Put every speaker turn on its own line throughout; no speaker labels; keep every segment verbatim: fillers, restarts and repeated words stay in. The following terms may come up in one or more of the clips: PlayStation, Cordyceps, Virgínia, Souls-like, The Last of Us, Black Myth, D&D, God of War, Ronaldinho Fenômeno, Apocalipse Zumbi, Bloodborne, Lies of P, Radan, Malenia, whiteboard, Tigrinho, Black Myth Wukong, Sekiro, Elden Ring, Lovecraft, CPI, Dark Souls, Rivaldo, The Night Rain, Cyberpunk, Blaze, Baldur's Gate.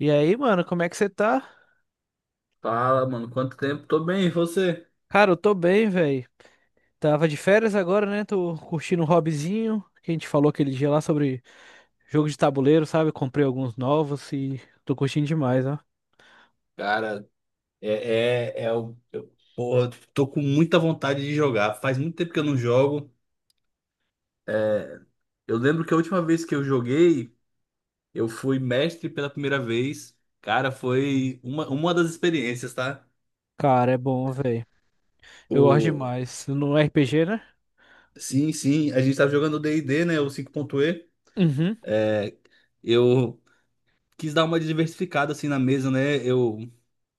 E aí, mano, como é que você tá?
Fala, mano, quanto tempo? Tô bem, e você?
Cara, eu tô bem, velho. Tava de férias agora, né? Tô curtindo um hobbyzinho que a gente falou aquele dia lá sobre jogo de tabuleiro, sabe? Comprei alguns novos e tô curtindo demais, ó.
Cara, é, é, é o. Eu, porra, tô com muita vontade de jogar. Faz muito tempo que eu não jogo. É, Eu lembro que a última vez que eu joguei, eu fui mestre pela primeira vez. Cara, foi uma, uma das experiências, tá?
Cara, é bom, velho. Eu gosto
O...
demais. No R P G, né?
Sim, sim, a gente tava jogando o D e D, né? O cinco ponto e
Uhum.
Eu quis dar uma diversificada assim na mesa, né? Eu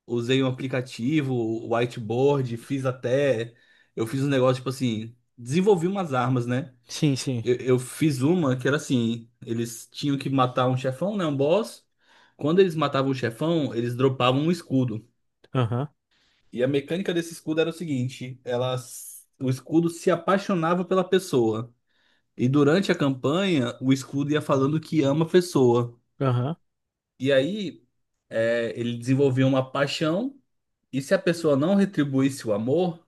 usei um aplicativo, o whiteboard, fiz até. Eu fiz um negócio, tipo assim, desenvolvi umas armas, né?
Sim, sim.
Eu, eu fiz uma que era assim: eles tinham que matar um chefão, né? Um boss. Quando eles matavam o chefão, eles dropavam um escudo.
Aham,
E a mecânica desse escudo era o seguinte: ela, o escudo se apaixonava pela pessoa. E durante a campanha, o escudo ia falando que ama a pessoa.
aham.
E aí, é, ele desenvolvia uma paixão. E se a pessoa não retribuísse o amor,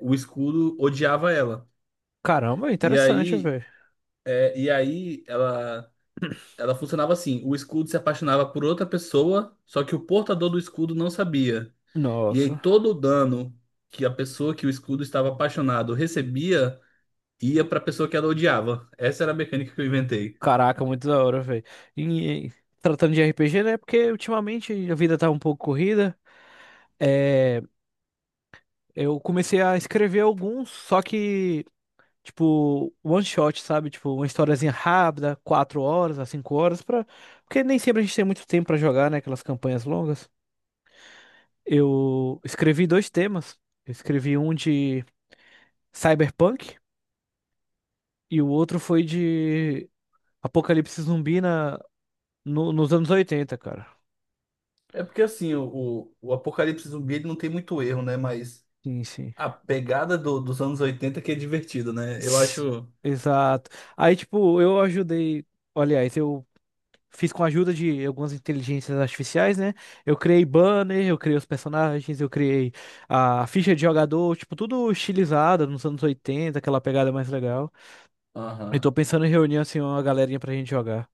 o escudo odiava ela.
Caramba,
E
interessante,
aí,
velho.
é, e aí ela, ela funcionava assim: o escudo se apaixonava por outra pessoa, só que o portador do escudo não sabia. E aí
Nossa.
todo o dano que a pessoa que o escudo estava apaixonado recebia ia para a pessoa que ela odiava. Essa era a mecânica que eu inventei.
Caraca, muito da hora, velho. E e tratando de R P G, né? Porque ultimamente a vida tá um pouco corrida. É, eu comecei a escrever alguns, só que, tipo, one shot, sabe? Tipo, uma historiazinha rápida, quatro horas a cinco horas, pra. Porque nem sempre a gente tem muito tempo pra jogar, né? Aquelas campanhas longas. Eu escrevi dois temas. Eu escrevi um de Cyberpunk e o outro foi de Apocalipse Zumbi na... no- nos anos oitenta, cara.
É porque assim, o, o, o Apocalipse Zumbi ele não tem muito erro, né? Mas
Sim, sim.
a pegada do- dos anos oitenta que é divertido, né? Eu
S-
acho.
Exato. Aí, tipo, eu ajudei. Aliás, eu fiz com a ajuda de algumas inteligências artificiais, né? Eu criei banner, eu criei os personagens, eu criei a ficha de jogador, tipo, tudo estilizado nos anos oitenta, aquela pegada mais legal. Eu
Aham.
tô pensando em reunir, assim, uma galerinha pra gente jogar.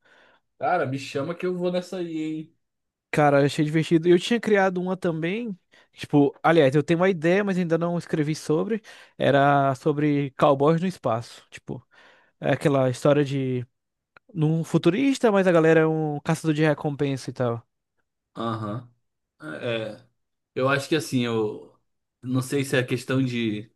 Cara, me chama que eu vou nessa aí, hein?
Cara, achei divertido. Eu tinha criado uma também. Tipo, aliás, eu tenho uma ideia, mas ainda não escrevi sobre. Era sobre cowboys no espaço. Tipo, é aquela história de num futurista, mas a galera é um caçador de recompensa e tal.
Aham. É, é, eu acho que assim, eu não sei se é questão de,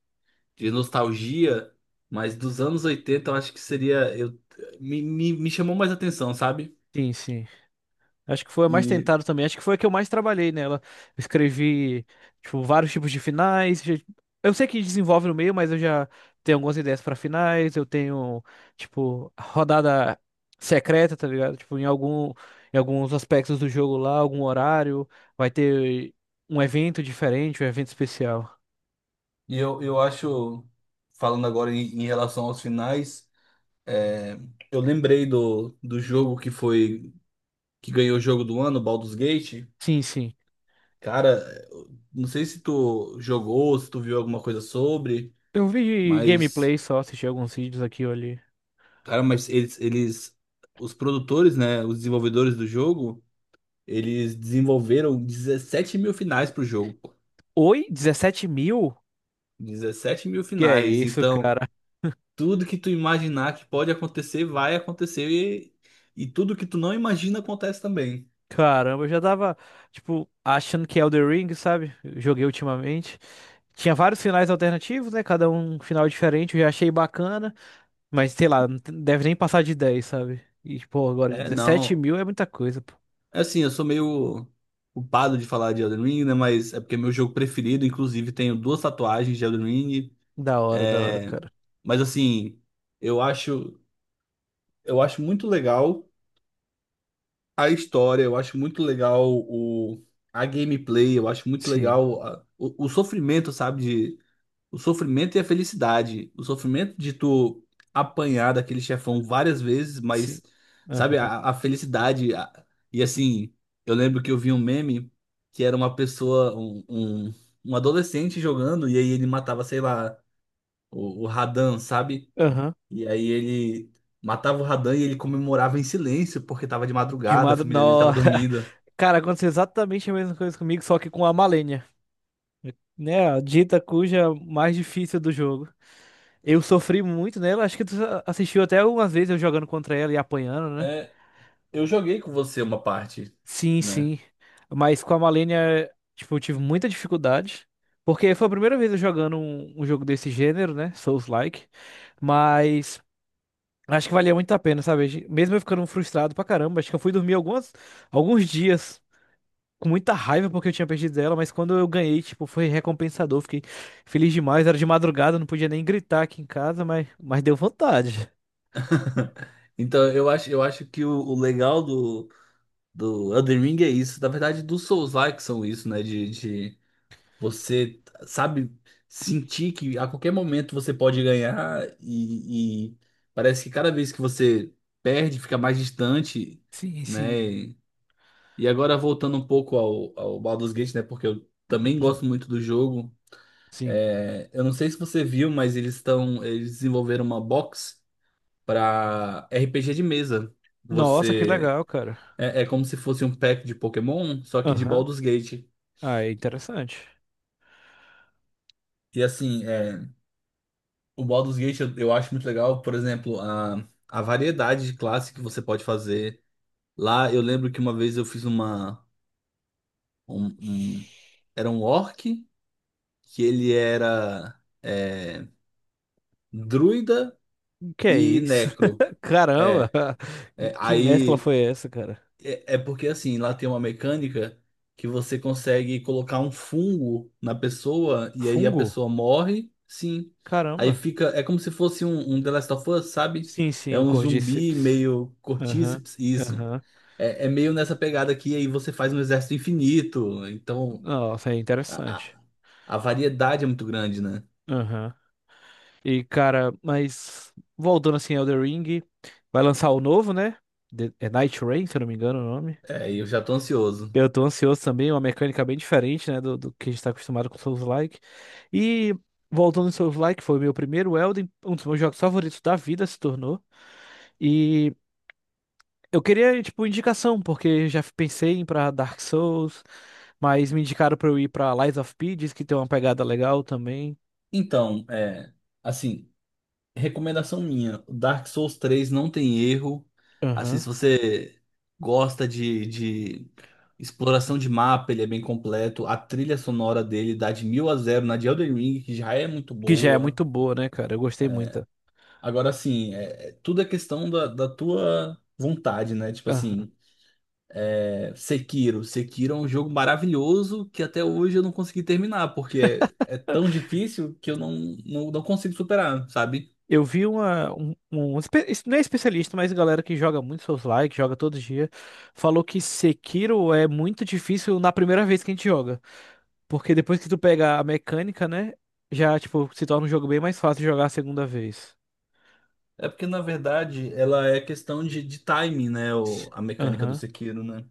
de nostalgia, mas dos anos oitenta eu acho que seria. Eu, me, me, me chamou mais atenção, sabe?
Sim, sim. Acho que foi a mais
E,
tentada também. Acho que foi a que eu mais trabalhei nela. Eu escrevi, tipo, vários tipos de finais. já- Eu sei que desenvolve no meio, mas eu já tenho algumas ideias pra finais. Eu tenho, tipo, rodada secreta, tá ligado? Tipo, em algum, em alguns aspectos do jogo lá, algum horário, vai ter um evento diferente, um evento especial.
e eu, eu acho, falando agora em, em relação aos finais, é, eu lembrei do, do jogo que foi, que ganhou o jogo do ano, Baldur's Gate.
Sim, sim.
Cara, eu não sei se tu jogou, se tu viu alguma coisa sobre,
Eu vi
mas.
gameplay só, assisti alguns vídeos aqui ou ali.
Cara, mas eles, eles, os produtores, né, os desenvolvedores do jogo, eles desenvolveram dezessete mil finais pro jogo. Pô.
Oi? Dezessete mil?
dezessete mil
Que é
finais.
isso,
Então,
cara?
tudo que tu imaginar que pode acontecer, vai acontecer. E, e tudo que tu não imagina acontece também.
Caramba, eu já tava, tipo, achando que Elden Ring, sabe? Eu joguei ultimamente. Tinha vários finais alternativos, né? Cada um um final diferente, eu já achei bacana. Mas, sei lá, não te- deve nem passar de dez, sabe? E, pô, agora
É,
dezessete
não.
mil é muita coisa, pô.
É assim, eu sou meio culpado de falar de Elden Ring, né, mas é porque é meu jogo preferido. Inclusive, tenho duas tatuagens de Elden Ring.
Da hora, da hora, cara.
Mas, assim, eu acho, eu acho muito legal. A história, eu acho muito legal o, a gameplay, eu acho muito
Sim,
legal a- o, o sofrimento, sabe? De, o sofrimento e a felicidade. O sofrimento de tu apanhar daquele chefão várias vezes,
sim.
mas, sabe,
Aham.
a, a felicidade. A- e assim, eu lembro que eu vi um meme que era uma pessoa, um, um, um adolescente jogando, e aí ele matava, sei lá, o, o Radan, sabe?
Aham.
E aí ele matava o Radan e ele comemorava em silêncio, porque tava de
De
madrugada, a família dele tava
madrugada.
dormindo.
Cara, aconteceu exatamente a mesma coisa comigo, só que com a Malenia. Né? A dita cuja mais difícil do jogo. Eu sofri muito nela, acho que tu assistiu até algumas vezes eu jogando contra ela e apanhando, né?
É, eu joguei com você uma parte,
Sim,
né?
sim. Mas com a Malenia, tipo, eu tive muita dificuldade. Porque foi a primeira vez eu jogando um, um jogo desse gênero, né? Souls-like. Mas acho que valia muito a pena, sabe? Mesmo eu ficando frustrado pra caramba, acho que eu fui dormir algumas, alguns dias com muita raiva porque eu tinha perdido ela, mas quando eu ganhei, tipo, foi recompensador. Fiquei feliz demais. Era de madrugada, não podia nem gritar aqui em casa, mas, mas deu vontade.
Então eu acho, eu acho que o, o legal do, do Elden Ring é isso. Na verdade, dos Souls-like são isso, né? De, de você, sabe, sentir que a qualquer momento você pode ganhar e, e parece que cada vez que você perde, fica mais distante,
Sim, sim.
né? E agora voltando um pouco ao, ao Baldur's Gate, né? Porque eu também gosto muito do jogo.
Sim.
É, eu não sei se você viu, mas eles estão, eles desenvolveram uma box para R P G de mesa.
Nossa, que
Você
legal, cara.
é, é como se fosse um pack de Pokémon, só que de
Aham.
Baldur's Gate.
Ah, é interessante.
E assim, é, o Baldur's Gate eu, eu acho muito legal, por exemplo, a, a variedade de classe que você pode fazer. Lá eu lembro que uma vez eu fiz uma um, um- era um orc que ele era é, Druida
Que é
e
isso?
Necro.
Caramba!
É,
Que,
é,
que mescla
aí
foi essa, cara?
é, é porque assim, lá tem uma mecânica que você consegue colocar um fungo na pessoa e aí a
Fungo?
pessoa morre, sim. Aí
Caramba.
fica, é como se fosse um, um The Last of Us, sabe?
Sim, sim,
É
o
um zumbi
Cordyceps.
meio
Aham,
cortíceps, isso.
aham.
É, é meio nessa pegada aqui, aí você faz um exército infinito. Então,
Nossa, é
a,
interessante.
a, a variedade é muito grande, né?
Aham. E, cara, mas voltando assim, Elden Ring, vai lançar o novo, né? The- É Night Rain, se eu não me engano o nome.
É, e eu já tô ansioso.
Eu tô ansioso também, é uma mecânica bem diferente, né, do, do que a gente tá acostumado com Souls-like. E voltando em Souls-like, foi o meu primeiro Elden, um dos meus jogos favoritos da vida se tornou. E eu queria, tipo, indicação, porque já pensei em ir pra Dark Souls, mas me indicaram pra eu ir pra Lies of P, diz que tem uma pegada legal também.
Então, é, assim. Recomendação minha, Dark Souls três não tem erro. Assim,
Aham.
se você gosta de, de exploração de mapa, ele é bem completo. A trilha sonora dele dá de mil a zero na de Elden Ring, que já é muito
Que já é
boa.
muito boa, né, cara? Eu gostei muito.
Agora, assim, é- é- tudo é questão da, da tua vontade, né? Tipo assim, é, Sekiro. Sekiro é um jogo maravilhoso que até hoje eu não consegui terminar, porque é, é tão difícil que eu não, não, não consigo superar, sabe?
Eu vi uma, um, um um espe- es- não é especialista, mas galera que joga muito Souls-like, que joga todo dia, falou que Sekiro é muito difícil na primeira vez que a gente joga, porque depois que tu pega a mecânica, né, já tipo se torna um jogo bem mais fácil de jogar a segunda vez.
É porque, na verdade, ela é questão de, de timing, né? O, a mecânica do
Aham.
Sekiro, né?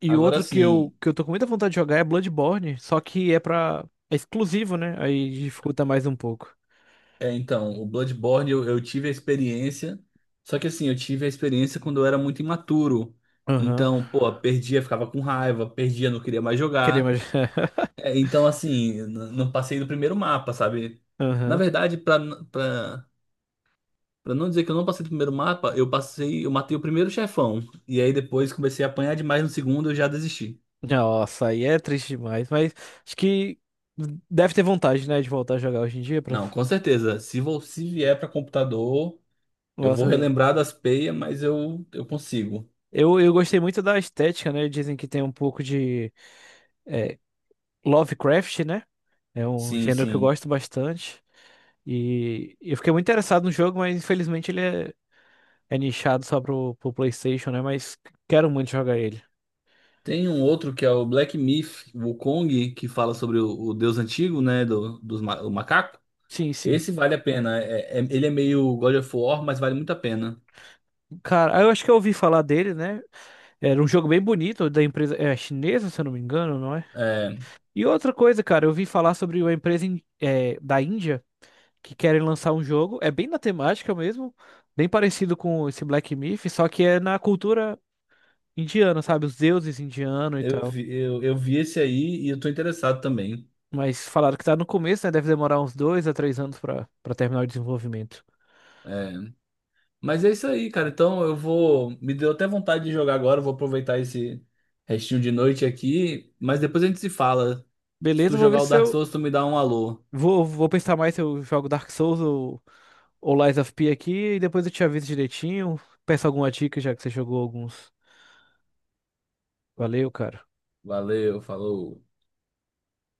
E
Agora,
outro que eu
assim,
que eu tô com muita vontade de jogar é Bloodborne, só que é pra é exclusivo, né? Aí dificulta mais um pouco.
é, então, o Bloodborne eu, eu tive a experiência, só que assim, eu tive a experiência quando eu era muito imaturo.
Aham.
Então, pô, perdia, ficava com raiva, perdia, não queria mais
Querer
jogar.
mais.
É, então, assim, n- não passei do primeiro mapa, sabe? Na
Aham.
verdade, pra, n- pra, pra não dizer que eu não passei do primeiro mapa, eu passei, eu matei o primeiro chefão. E aí depois comecei a apanhar demais no segundo, eu já desisti.
Nossa, aí é triste demais, mas acho que deve ter vontade, né, de voltar a jogar hoje em dia para.
Não, com certeza. Se, vo- se vier para computador, eu vou
Nossa,
relembrar das peias, mas eu, eu consigo.
eu, eu gostei muito da estética, né? Dizem que tem um pouco de é, Lovecraft, né? É um
Sim,
gênero que eu
sim.
gosto bastante e eu fiquei muito interessado no jogo, mas infelizmente ele é, é nichado só pro, pro PlayStation, né? Mas quero muito jogar ele.
Tem um outro que é o Black Myth Wukong, que fala sobre o, o deus antigo, né, do, dos ma- o macaco.
Sim, sim.
Esse vale a pena. É- é- ele é meio God of War, mas vale muito a pena.
Cara, eu acho que eu ouvi falar dele, né? Era um jogo bem bonito da empresa é chinesa, se eu não me engano, não é?
É,
E outra coisa, cara, eu vi falar sobre uma empresa in- eh, da Índia, que querem lançar um jogo, é bem na temática mesmo, bem parecido com esse Black Myth, só que é na cultura indiana, sabe? Os deuses indianos e
eu
tal.
vi, eu, eu vi esse aí e eu tô interessado também.
Mas falaram que tá no começo, né? Deve demorar uns dois a três anos pra, pra terminar o desenvolvimento.
É, Mas é isso aí, cara. Então eu vou. Me deu até vontade de jogar agora. Eu Vou aproveitar esse restinho de noite aqui. Mas depois a gente se fala. Se
Beleza,
tu
vou ver
jogar o
se
Dark
eu.
Souls, tu me dá um alô.
Vou, vou pensar mais se eu jogo Dark Souls ou, ou Lies of P aqui e depois eu te aviso direitinho. Peço alguma dica já que você jogou alguns. Valeu, cara.
Valeu, falou.